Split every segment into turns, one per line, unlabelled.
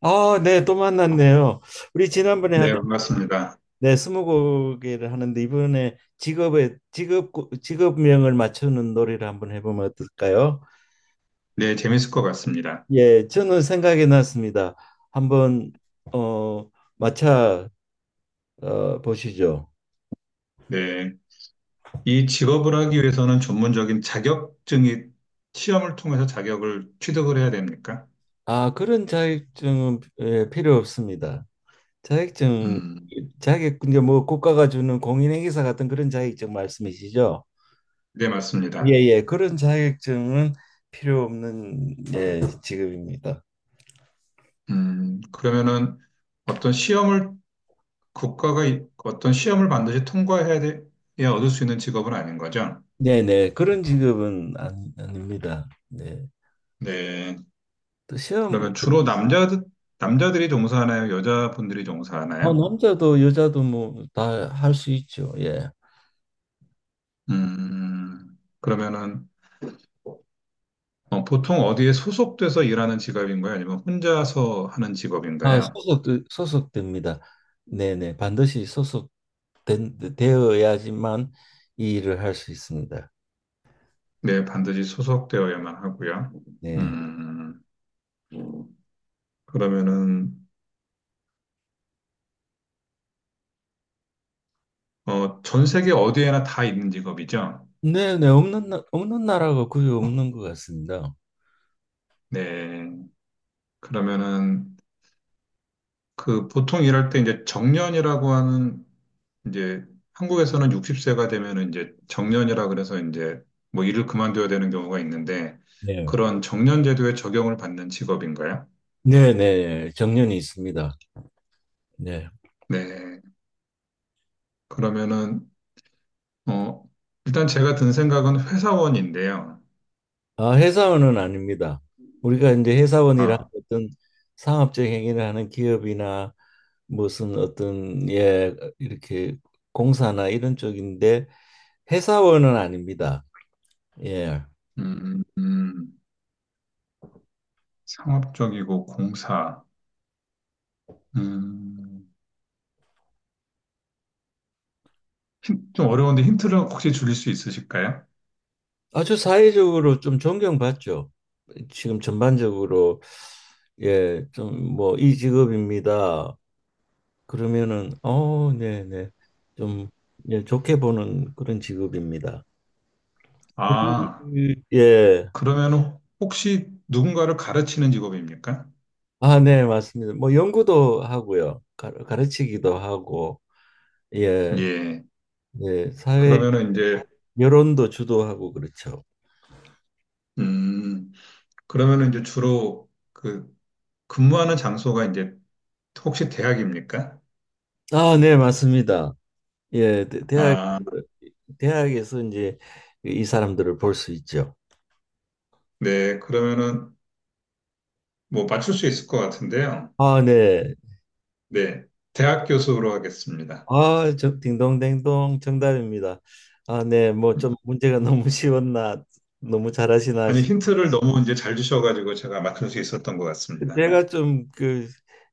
아, 네, 또 만났네요. 우리 지난번에 하던
네, 반갑습니다.
네, 스무고개를 하는데 이번에 직업의 직업 직업명을 맞추는 놀이를 한번 해보면 어떨까요?
네, 재밌을 것 같습니다.
예, 저는 생각이 났습니다. 한번 어 맞춰 보시죠.
네. 이 직업을 하기 위해서는 전문적인 자격증이 시험을 통해서 자격을 취득을 해야 됩니까?
아, 그런 자격증은 예, 필요 없습니다. 자격증
음,
자격 이제 뭐 국가가 주는 공인행위사 같은 그런 자격증 말씀이시죠?
네, 맞습니다.
예예 그런 자격증은 필요 없는 예 직업입니다.
그러면은 어떤 시험을 어떤 시험을 반드시 통과해야 돼, 야 얻을 수 있는 직업은 아닌 거죠?
네네 그런 직업은 안, 아닙니다. 네.
네.
또 시험 뭐
그러면 주로 남자들이 종사하나요? 여자분들이
뭐
종사하나요?
남자도 여자도 뭐 다 할 수 있죠. 예.
그러면은 어, 보통 어디에 소속돼서 일하는 직업인가요? 아니면 혼자서 하는
아
직업인가요?
소속도 소속됩니다. 네네 반드시 소속된 되어야지만 이 일을 할 수 있습니다.
네, 반드시 소속되어야만 하고요.
네.
음, 그러면은, 어, 전 세계 어디에나 다 있는 직업이죠?
네네 없는 나라가 거의 없는 것 같습니다.
네. 그러면은, 그 보통 일할 때 이제 정년이라고 하는, 이제 한국에서는 60세가 되면은 이제 정년이라 그래서 이제 뭐 일을 그만둬야 되는 경우가 있는데,
네.
그런 정년 제도의 적용을 받는 직업인가요?
네네 정년이 있습니다. 네.
네. 그러면은 어, 일단 제가 든 생각은 회사원인데요.
아, 회사원은 아닙니다. 우리가 이제 회사원이라
아,
어떤 상업적 행위를 하는 기업이나 무슨 어떤 예 이렇게 공사나 이런 쪽인데 회사원은 아닙니다. 예.
음, 음, 상업적이고 공사. 음, 좀 어려운데 힌트를 혹시 줄일 수 있으실까요?
아주 사회적으로 좀 존경받죠. 지금 전반적으로 예, 좀 뭐 이 직업입니다. 그러면은 네, 네. 좀 예, 좋게 보는 그런 직업입니다. 우리
아,
예.
그러면 혹시 누군가를 가르치는 직업입니까?
아, 네, 맞습니다. 뭐 연구도 하고요. 가르치기도 하고 예.
예.
예, 사회
그러면은 이제,
여론도 주도하고 그렇죠.
음, 그러면은 이제 주로 그 근무하는 장소가 이제 혹시 대학입니까?
아, 네, 맞습니다. 예, 대학에서
아,
대학에서 이제 그 이 사람들을 볼 수 있죠.
네. 그러면은 뭐 맞출 수 있을 것 같은데요.
아, 네.
네. 대학 교수로 하겠습니다.
아, 저 딩동댕동 정답입니다. 아, 네. 뭐 좀 문제가 너무 쉬웠나, 너무 잘하시나.
아니,
싶-
힌트를 너무 이제 잘 주셔가지고 제가 맞출 수 있었던 것 같습니다.
제가 좀 그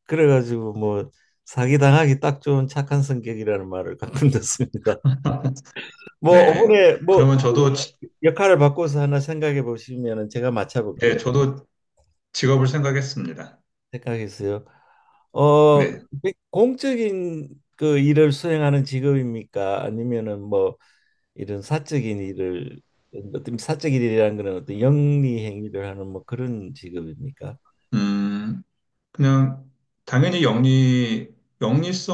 그래가지고 뭐 사기 당하기 딱 좋은 착한 성격이라는 말을 가끔 듣습니다. 뭐
네.
이번에 뭐
그러면 저도, 지-
역할을 바꿔서 하나 생각해 보시면은 제가
네,
맞춰볼게요.
저도 직업을 생각했습니다.
생각했어요. 어,
네.
공적인 그 일을 수행하는 직업입니까? 아니면은 뭐 이런 사적인 일을 어떤 사적인 일이라는 거는 어떤 영리 행위를 하는 뭐 그런 직업입니까?
음, 그냥, 당연히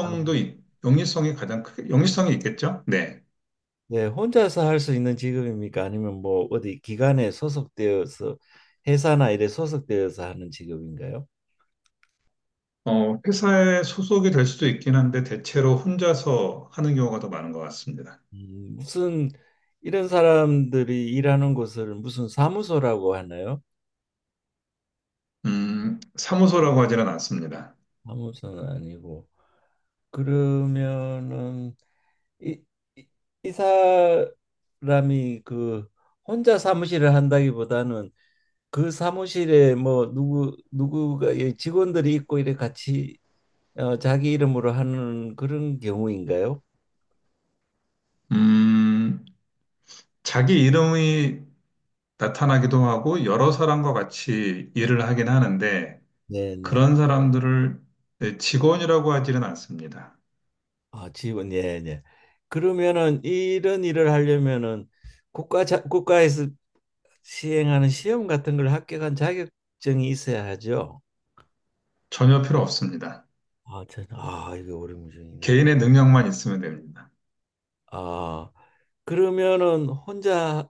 아,
있- 영리성이 가장 크게, 영리성이 있겠죠? 네.
네, 혼자서 할 수 있는 직업입니까? 아니면 뭐 어디 기관에 소속되어서 회사나 일에 소속되어서 하는 직업인가요?
어, 회사에 소속이 될 수도 있긴 한데, 대체로 혼자서 하는 경우가 더 많은 것 같습니다.
무슨 이런 사람들이 일하는 곳을 무슨 사무소라고 하나요?
사무소라고 하지는 않습니다.
사무소는 아니고 그러면은 이, 이, 이 사람이 그 혼자 사무실을 한다기보다는 그 사무실에 뭐 누구 누구가 예, 직원들이 있고 이래 같이 어, 자기 이름으로 하는 그런 경우인가요?
음, 자기 이름이 나타나기도 하고 여러 사람과 같이 일을 하긴 하는데
네네.
그런 사람들을 네, 직원이라고 하지는 않습니다.
아, 지원, 예, 예. 그러면은 이런 일을 하려면은 국가에서 시행하는 시험 같은 걸 합격한 자격증이 있어야 하죠.
전혀 필요 없습니다.
아, 저는 아, 이거 어려운 문제이네.
개인의 능력만 있으면 됩니다.
아, 그러면은 혼자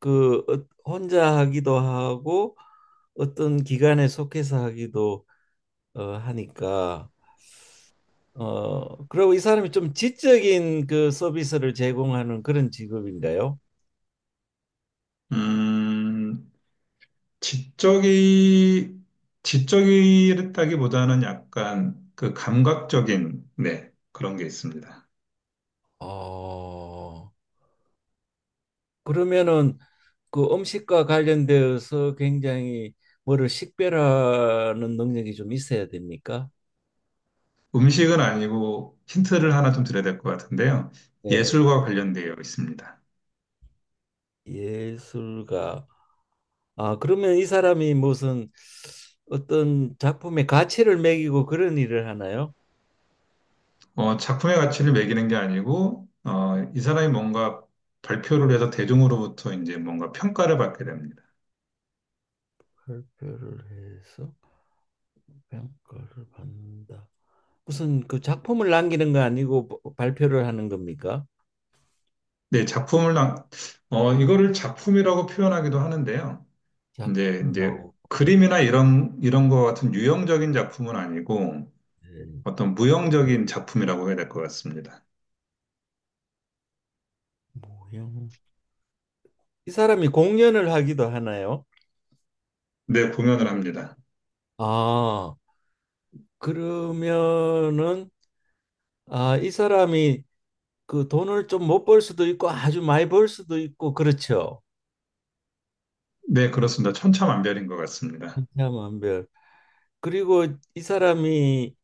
그 혼자 하기도 하고 어떤 기관에 속해서 하기도 하니까 그리고 이 사람이 좀 지적인 그 서비스를 제공하는 그런 직업인가요?
음, 지적이, 지적이랬다기보다는 약간 그 감각적인, 네, 그런 게 있습니다.
어. 그러면은 그 음식과 관련되어서 굉장히 뭐를 식별하는 능력이 좀 있어야 됩니까?
음식은 아니고 힌트를 하나 좀 드려야 될 것 같은데요.
네.
예술과 관련되어 있습니다.
예술가. 아, 그러면 이 사람이 무슨 어떤 작품의 가치를 매기고 그런 일을 하나요?
어, 작품의 가치를 매기는 게 아니고, 어, 이 사람이 뭔가 발표를 해서 대중으로부터 이제 뭔가 평가를 받게 됩니다.
발표를 해서 평가를 받는다. 무슨 그 작품을 남기는 거 아니고 발표를 하는 겁니까?
네, 작품을, 나- 어, 이거를 작품이라고 표현하기도 하는데요.
작품
이제
나오는
그림이나 이런 것 같은 유형적인 작품은 아니고, 어떤 무형적인 작품이라고 해야 될 것 같습니다.
모형. 이 사람이 공연을 하기도 하나요?
네, 공연을 합니다.
아. 그러면은 아, 이 사람이 그 돈을 좀 못 벌 수도 있고 아주 많이 벌 수도 있고 그렇죠.
네, 그렇습니다. 천차만별인 것 같습니다.
한참한별. 그리고 이 사람이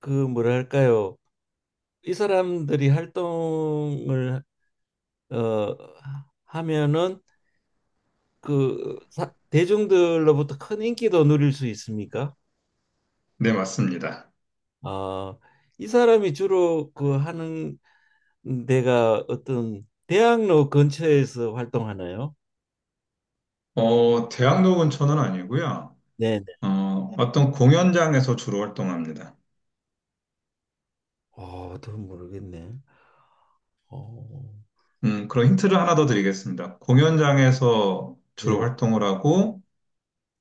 그 뭐랄까요? 이 사람들이 활동을 어 하면은 그 사- 대중들로부터 큰 인기도 누릴 수 있습니까?
네, 맞습니다.
아, 이 사람이 주로 그 하는 데가 어떤 대학로 근처에서 활동하나요?
어, 대학로 근처는 아니고요. 어, 어떤 공연장에서 주로 활동합니다.
아, 더 모르겠네. 어,
그런 힌트를 하나 더 드리겠습니다. 공연장에서 주로
예,
활동을 하고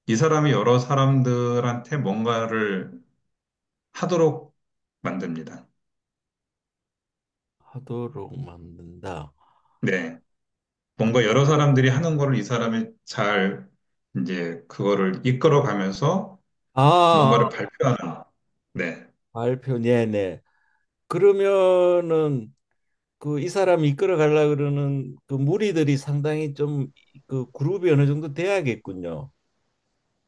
이 사람이 여러 사람들한테 뭔가를 하도록 만듭니다.
하도록 만든다.
네. 뭔가 여러 사람들이 하는 거를 이 사람이 잘 이제 그거를 이끌어 가면서
아,
뭔가를 발표하는. 네.
발표, 네네. 그러면은 그 이 사람이 이끌어 가려 그러는 그 무리들이 상당히 좀 그 그룹이 어느 정도 돼야겠군요.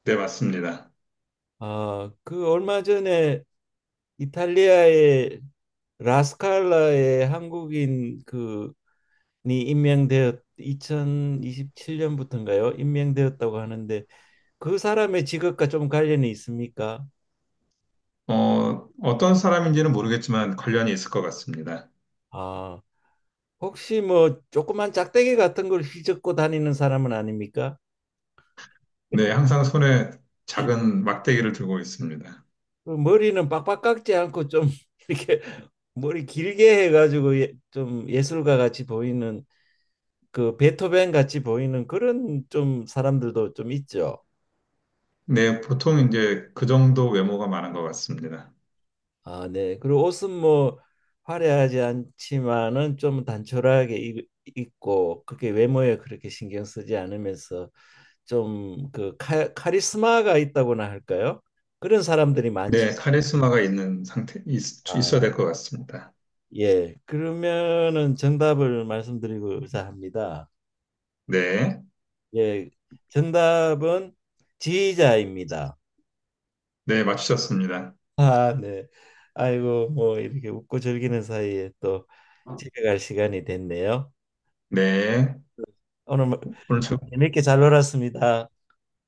네, 맞습니다.
아, 그 얼마 전에 이탈리아의 라스칼라의 한국인 그니 임명되었 2027년부터인가요? 임명되었다고 하는데 그 사람의 직업과 좀 관련이 있습니까?
어, 어떤 사람인지는 모르겠지만 관련이 있을 것 같습니다.
아, 혹시 뭐 조그만 짝대기 같은 걸 휘젓고 다니는 사람은 아닙니까?
네, 항상 손에 작은 막대기를 들고 있습니다.
그 머리는 빡빡 깎지 않고 좀 이렇게 머리 길게 해가지고 예, 좀 예술가 같이 보이는 그 베토벤 같이 보이는 그런 좀 사람들도 좀 있죠.
네, 보통 이제 그 정도 외모가 많은 것 같습니다.
아, 네. 그리고 옷은 뭐 화려하지 않지만은 좀 단촐하게 입고 그게 외모에 그렇게 신경 쓰지 않으면서 좀 그 카리스마가 있다고나 할까요? 그런 사람들이 많죠.
네, 카리스마가 있어야
아,
될 것 같습니다.
예. 그러면은 정답을 말씀드리고자 합니다.
네,
예. 정답은 지휘자입니다.
네, 맞추셨습니다.
아, 네. 아이고, 뭐 이렇게 웃고 즐기는 사이에 또 집에 갈 시간이 됐네요.
네,
오늘 뭐
오늘 즐,
재밌게 잘 놀았습니다.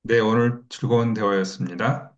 네, 오늘 즐거운 대화였습니다.